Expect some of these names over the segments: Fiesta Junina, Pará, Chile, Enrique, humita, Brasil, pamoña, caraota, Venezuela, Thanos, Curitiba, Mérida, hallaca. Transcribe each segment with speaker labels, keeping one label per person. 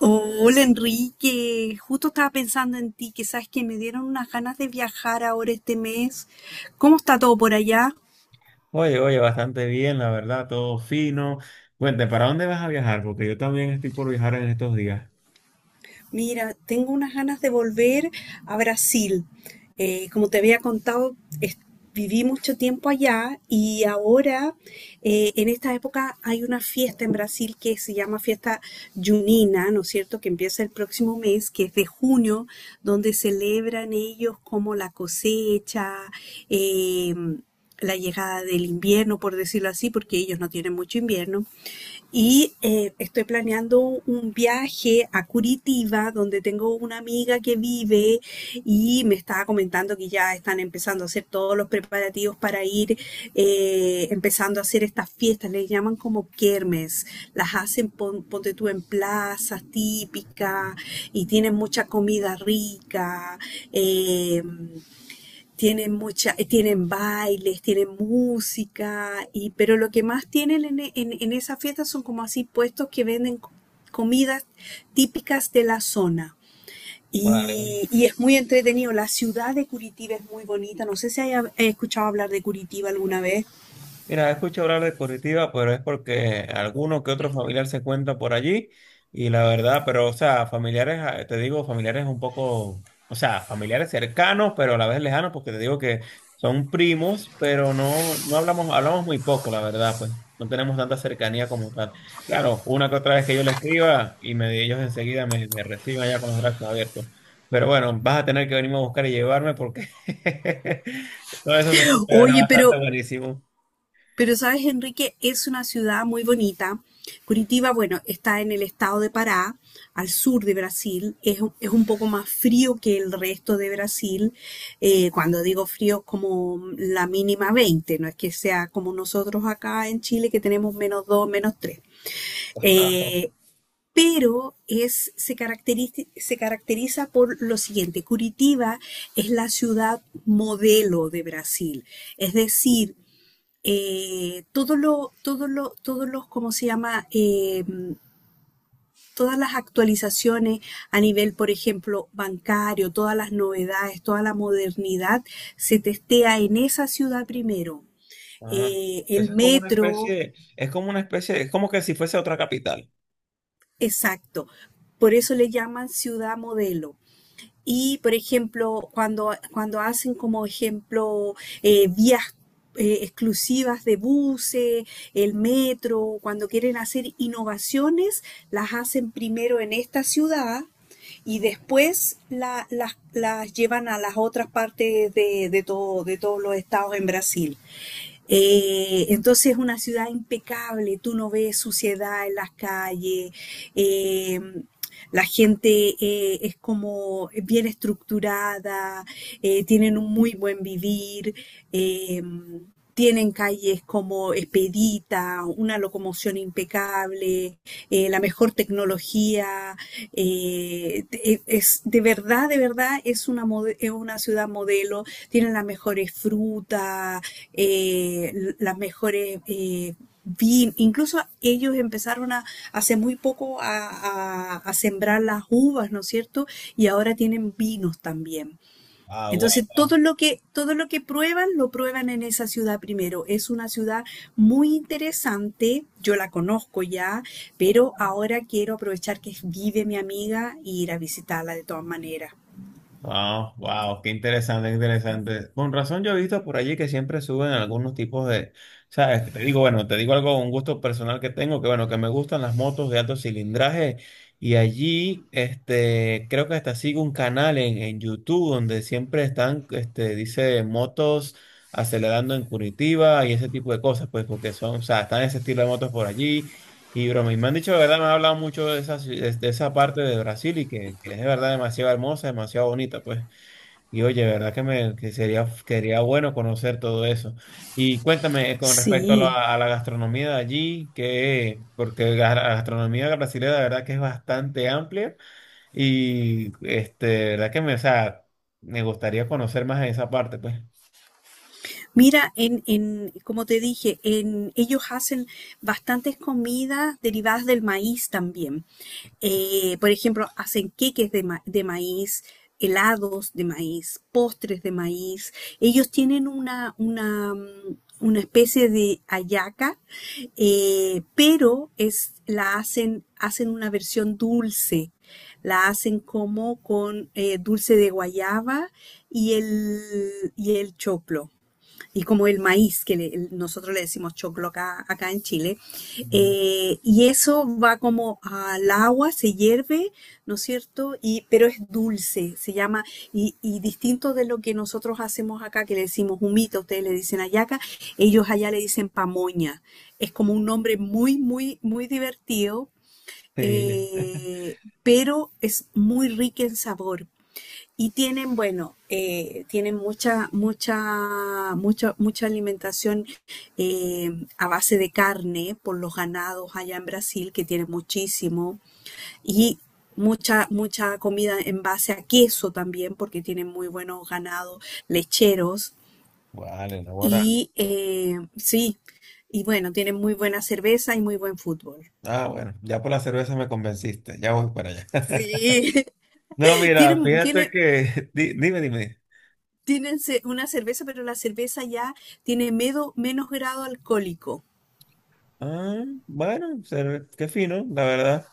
Speaker 1: Hola Enrique, justo estaba pensando en ti, que sabes que me dieron unas ganas de viajar ahora este mes. ¿Cómo está todo por allá?
Speaker 2: Oye, oye, bastante bien, la verdad, todo fino. Cuente, ¿para dónde vas a viajar? Porque yo también estoy por viajar en estos días.
Speaker 1: Mira, tengo unas ganas de volver a Brasil. Como te había contado, es- viví mucho tiempo allá y ahora, en esta época, hay una fiesta en Brasil que se llama Fiesta Junina, ¿no es cierto?, que empieza el próximo mes, que es de junio, donde celebran ellos como la cosecha, eh, la llegada del invierno, por decirlo así, porque ellos no tienen mucho invierno. Y estoy planeando un viaje a Curitiba, donde tengo una amiga que vive y me estaba comentando que ya están empezando a hacer todos los preparativos para ir, empezando a hacer estas fiestas, les llaman como kermes, las hacen, ponte tú, en plazas típicas y tienen mucha comida rica. Eh, tienen mucha, tienen bailes, tienen música, y, pero lo que más tienen en esa fiesta son como así puestos que venden comidas típicas de la zona.
Speaker 2: Vale.
Speaker 1: Y es muy entretenido. La ciudad de Curitiba es muy bonita. No sé si haya escuchado hablar de Curitiba alguna vez.
Speaker 2: Mira, escucho hablar de Curitiba, pero es porque alguno que otro familiar se cuenta por allí y la verdad, pero o sea, familiares, ah, te digo, familiares un poco, o sea, familiares cercanos, pero a la vez lejanos, porque te digo que son primos, pero no hablamos, hablamos muy poco, la verdad, pues no tenemos tanta cercanía como tal. Claro, una que otra vez que yo le escriba y me, ellos enseguida me, reciben allá con los brazos abiertos. Pero bueno, vas a tener que venirme a buscar y llevarme porque todo eso se escucha
Speaker 1: Oye,
Speaker 2: bastante buenísimo.
Speaker 1: pero sabes, Enrique, es una ciudad muy bonita. Curitiba, bueno, está en el estado de Pará, al sur de Brasil. Es un poco más frío que el resto de Brasil. Cuando digo frío, como la mínima veinte. No es que sea como nosotros acá en Chile, que tenemos menos dos, menos tres.
Speaker 2: Ajá.
Speaker 1: Eh, pero es, se caracteriza por lo siguiente. Curitiba es la ciudad modelo de Brasil. Es decir, todo lo, todos los, ¿cómo se llama? Todas las actualizaciones a nivel, por ejemplo, bancario, todas las novedades, toda la modernidad, se testea en esa ciudad primero.
Speaker 2: Ah,
Speaker 1: El
Speaker 2: eso
Speaker 1: metro,
Speaker 2: es como una especie, es como que si fuese otra capital.
Speaker 1: exacto. Por eso le llaman ciudad modelo. Y, por ejemplo, cuando hacen como ejemplo vías exclusivas de buses, el metro, cuando quieren hacer innovaciones, las hacen primero en esta ciudad y después las llevan a las otras partes de todos los estados en Brasil. Entonces es una ciudad impecable, tú no ves suciedad en las calles, eh, la gente es como bien estructurada, tienen un muy buen vivir. em, Tienen calles como expedita, una locomoción impecable, la mejor tecnología. De verdad, de verdad, es una ciudad modelo. Tienen las mejores frutas, las mejores... Incluso ellos empezaron a, hace muy poco a sembrar las uvas, ¿no es cierto? Y ahora tienen vinos también.
Speaker 2: Ah,
Speaker 1: Entonces, todo
Speaker 2: guau.
Speaker 1: lo que, todo lo que prueban, lo prueban en esa ciudad primero. Es una ciudad muy interesante, yo la conozco ya, pero ahora quiero aprovechar que vive mi amiga y ir a visitarla de todas maneras.
Speaker 2: Ah, wow, qué interesante, qué interesante. Con razón yo he visto por allí que siempre suben algunos tipos de, sabes, que te digo, bueno, te digo algo, un gusto personal que tengo, que bueno, que me gustan las motos de alto cilindraje y allí, este, creo que hasta sigo un canal en YouTube donde siempre están, este, dice motos acelerando en Curitiba y ese tipo de cosas, pues porque son, o sea, están ese estilo de motos por allí. Y broma, y me han dicho de verdad, me han hablado mucho de esa, de esa parte de Brasil y que es de verdad demasiado hermosa, demasiado bonita, pues. Y oye, de verdad que me que sería bueno conocer todo eso. Y cuéntame con respecto
Speaker 1: Sí,
Speaker 2: a la gastronomía de allí, que, porque la gastronomía brasileña de verdad que es bastante amplia y este, de verdad que me, o sea, me gustaría conocer más en esa parte, pues.
Speaker 1: mira, como te dije, en, ellos hacen bastantes comidas derivadas del maíz también. Por ejemplo, hacen queques de maíz, helados de maíz, postres de maíz. Ellos tienen una especie de hallaca, pero es, hacen una versión dulce. La hacen como con dulce de guayaba y el choclo y como el maíz, que nosotros le decimos choclo acá, acá en Chile.
Speaker 2: Ujú.
Speaker 1: Y eso va como al agua, se hierve, ¿no es cierto? Y, pero es dulce, se llama, y distinto de lo que nosotros hacemos acá, que le decimos humita, ustedes le dicen hallaca, ellos allá le dicen pamoña. Es como un nombre muy, muy, muy divertido,
Speaker 2: Sí.
Speaker 1: pero es muy rica en sabor. Y tienen, bueno, tienen mucha, mucha, mucha, mucha alimentación eh, a base de carne por los ganados allá en Brasil, que tienen muchísimo, y mucha, mucha comida en base a queso también, porque tienen muy buenos ganados lecheros.
Speaker 2: Vale, no, bueno.
Speaker 1: Y sí, y bueno, tienen muy buena cerveza y muy buen fútbol.
Speaker 2: Ah, bueno, ya por la cerveza me convenciste, ya voy para allá.
Speaker 1: Sí,
Speaker 2: No, mira,
Speaker 1: tienen,
Speaker 2: fíjate
Speaker 1: tienen,
Speaker 2: que, dime, dime.
Speaker 1: Tienen una cerveza, pero la cerveza ya tiene menos grado alcohólico.
Speaker 2: Ah, bueno, qué fino, la verdad.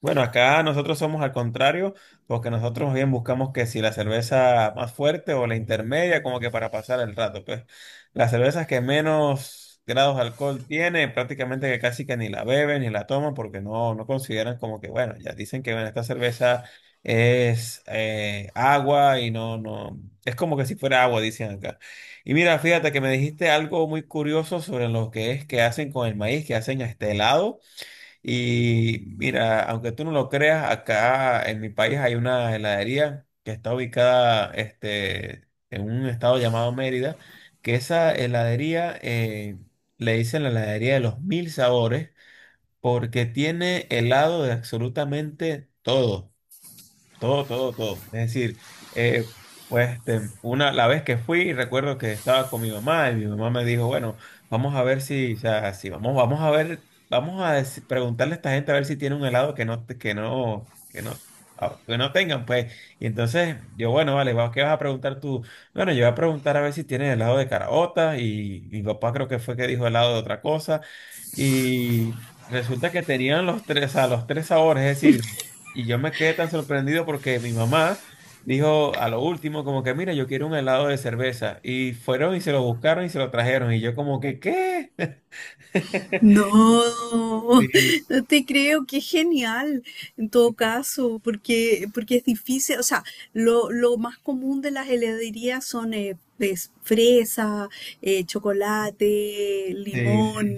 Speaker 2: Bueno, acá nosotros somos al contrario, porque nosotros bien buscamos que si la cerveza más fuerte o la intermedia, como que para pasar el rato, pues las cervezas que menos grados de alcohol tiene, prácticamente que casi que ni la beben ni la toman, porque no consideran como que, bueno, ya dicen que bueno, esta cerveza es agua y no, es como que si fuera agua, dicen acá. Y mira, fíjate que me dijiste algo muy curioso sobre lo que es que hacen con el maíz, que hacen este helado. Y mira, aunque tú no lo creas, acá en mi país hay una heladería que está ubicada este, en un estado llamado Mérida, que esa heladería le dicen la heladería de los mil sabores porque tiene helado de absolutamente todo. Todo, todo, todo. Es decir, eh, pues este, la vez que fui, recuerdo que estaba con mi mamá y mi mamá me dijo, bueno, vamos a ver si, o sea, si vamos, a ver, vamos a preguntarle a esta gente a ver si tiene un helado que no, que no tengan, pues. Y entonces yo, bueno, vale, va, ¿qué vas a preguntar tú? Bueno, yo voy a preguntar a ver si tienen helado de caraota y mi papá creo que fue que dijo helado de otra cosa y resulta que tenían a los tres sabores, es decir. Y yo me quedé tan sorprendido porque mi mamá dijo a lo último como que, mira, yo quiero un helado de cerveza. Y fueron y se lo buscaron y se lo trajeron. Y yo como que, ¿qué?
Speaker 1: No,
Speaker 2: Sí,
Speaker 1: no te creo, qué genial en todo
Speaker 2: sí,
Speaker 1: caso, porque, porque es difícil, o sea, lo más común de las heladerías son es fresa, chocolate,
Speaker 2: sí.
Speaker 1: limón,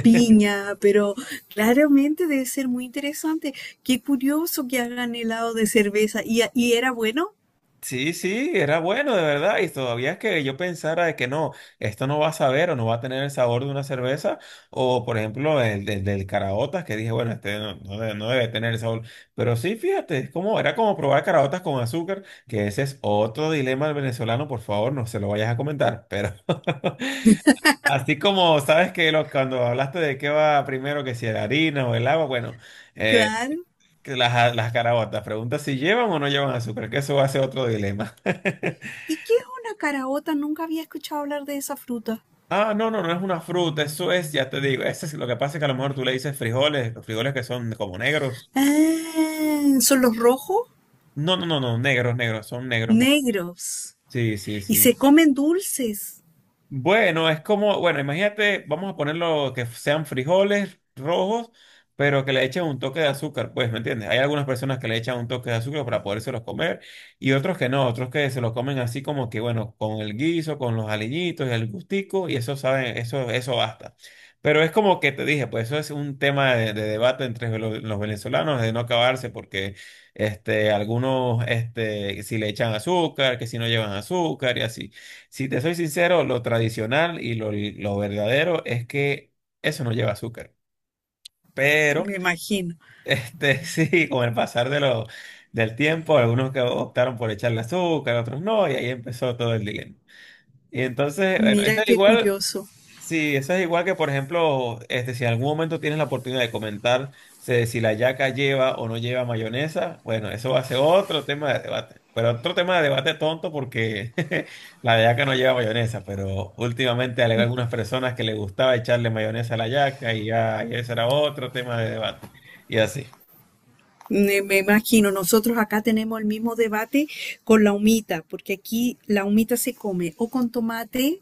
Speaker 1: piña, pero claramente debe ser muy interesante. Qué curioso que hagan helado de cerveza. Y era bueno?
Speaker 2: Sí, sí, era bueno, de verdad. Y todavía es que yo pensara de que no, esto no va a saber o no va a tener el sabor de una cerveza. O, por ejemplo, el del caraotas, que dije, bueno, este no debe, no debe tener el sabor. Pero sí, fíjate, era como probar caraotas con azúcar, que ese es otro dilema del venezolano. Por favor, no se lo vayas a comentar. Pero así como sabes que cuando hablaste de qué va primero, que si la harina o el agua, bueno, eh,
Speaker 1: Claro.
Speaker 2: que las caraotas, pregunta si llevan o no llevan azúcar, que eso va a ser otro dilema.
Speaker 1: ¿Y qué es una caraota? Nunca había escuchado hablar de esa fruta.
Speaker 2: Ah, no, no, no es una fruta, eso es, ya te digo, ese es, lo que pasa es que a lo mejor tú le dices frijoles, los frijoles que son como negros.
Speaker 1: Ah, son los rojos,
Speaker 2: No, no, no, no, negros, negros, son negros.
Speaker 1: negros.
Speaker 2: Sí, sí,
Speaker 1: Y se
Speaker 2: sí.
Speaker 1: comen dulces,
Speaker 2: Bueno, es como, bueno, imagínate, vamos a ponerlo que sean frijoles rojos, pero que le echen un toque de azúcar, pues, ¿me entiendes? Hay algunas personas que le echan un toque de azúcar para podérselos comer y otros que no, otros que se los comen así como que, bueno, con el guiso, con los aliñitos y el gustico y eso saben, eso basta. Pero es como que te dije, pues eso es un tema de debate entre los venezolanos de no acabarse porque este, algunos, este, si le echan azúcar, que si no llevan azúcar y así. Si te soy sincero, lo tradicional y lo verdadero es que eso no lleva azúcar. Pero,
Speaker 1: me imagino.
Speaker 2: este, sí, con el pasar de del tiempo, algunos que optaron por echarle azúcar, otros no, y ahí empezó todo el lío. Y entonces, bueno.
Speaker 1: Mira
Speaker 2: eso
Speaker 1: qué
Speaker 2: igual
Speaker 1: curioso.
Speaker 2: Sí, eso es igual que, por ejemplo, este, si en algún momento tienes la oportunidad de comentar si la yaca lleva o no lleva mayonesa, bueno, eso va a ser otro tema de debate. Pero otro tema de debate tonto porque la yaca no lleva mayonesa, pero últimamente hay algunas personas que le gustaba echarle mayonesa a la yaca y ya, y ese era otro tema de debate. Y así.
Speaker 1: Me imagino, nosotros acá tenemos el mismo debate con la humita, porque aquí la humita se come o con tomate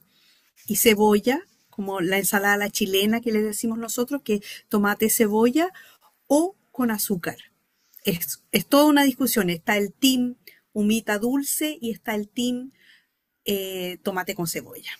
Speaker 1: y cebolla, como la ensalada a la chilena que le decimos nosotros, que es tomate, cebolla, o con azúcar. Es toda una discusión. Está el team humita dulce y está el team tomate con cebolla.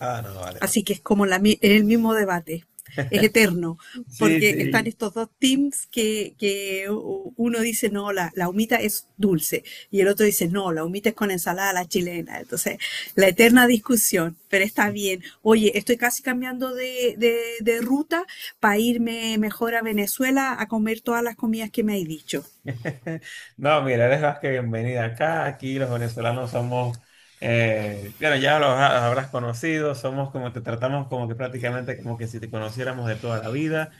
Speaker 2: Ah, no, vale, no.
Speaker 1: Así que es como el mismo debate. Es eterno,
Speaker 2: Sí,
Speaker 1: porque están
Speaker 2: sí.
Speaker 1: estos dos teams que uno dice, no, la humita es dulce, y el otro dice, no, la humita es con ensalada a la chilena. Entonces, la eterna discusión, pero está bien. Oye, estoy casi cambiando de ruta para irme mejor a Venezuela a comer todas las comidas que me hay dicho.
Speaker 2: No, mira, eres más que bienvenida acá. Aquí los venezolanos somos, bueno, ya los habrás conocido, somos como te tratamos como que prácticamente como que si te conociéramos de toda la vida,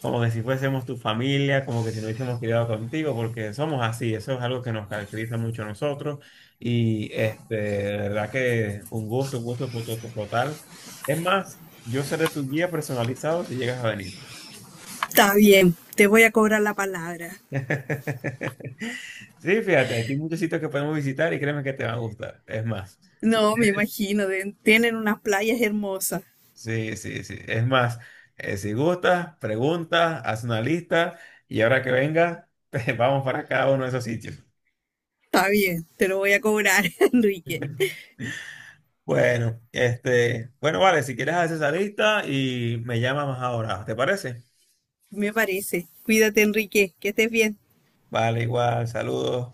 Speaker 2: como que si fuésemos tu familia, como que si nos hubiésemos criado contigo, porque somos así, eso es algo que nos caracteriza mucho a nosotros. Y este, de verdad que un gusto total. Es más, yo seré tu guía personalizado si llegas a venir.
Speaker 1: Está bien, te voy a cobrar la palabra.
Speaker 2: Sí, fíjate, aquí hay muchos sitios que podemos visitar y créeme que te van a gustar. Es más, si
Speaker 1: No, me
Speaker 2: quieres,
Speaker 1: imagino, tienen unas playas hermosas.
Speaker 2: sí, sí, sí. Es más, si gustas, preguntas, haz una lista y ahora que venga, te vamos para cada uno de esos sitios.
Speaker 1: Está bien, te lo voy a cobrar, Enrique.
Speaker 2: Bueno, este, bueno, vale, si quieres haces esa lista y me llamas más ahora, ¿te parece?
Speaker 1: Me parece. Cuídate, Enrique, que estés bien.
Speaker 2: Vale, igual, saludos.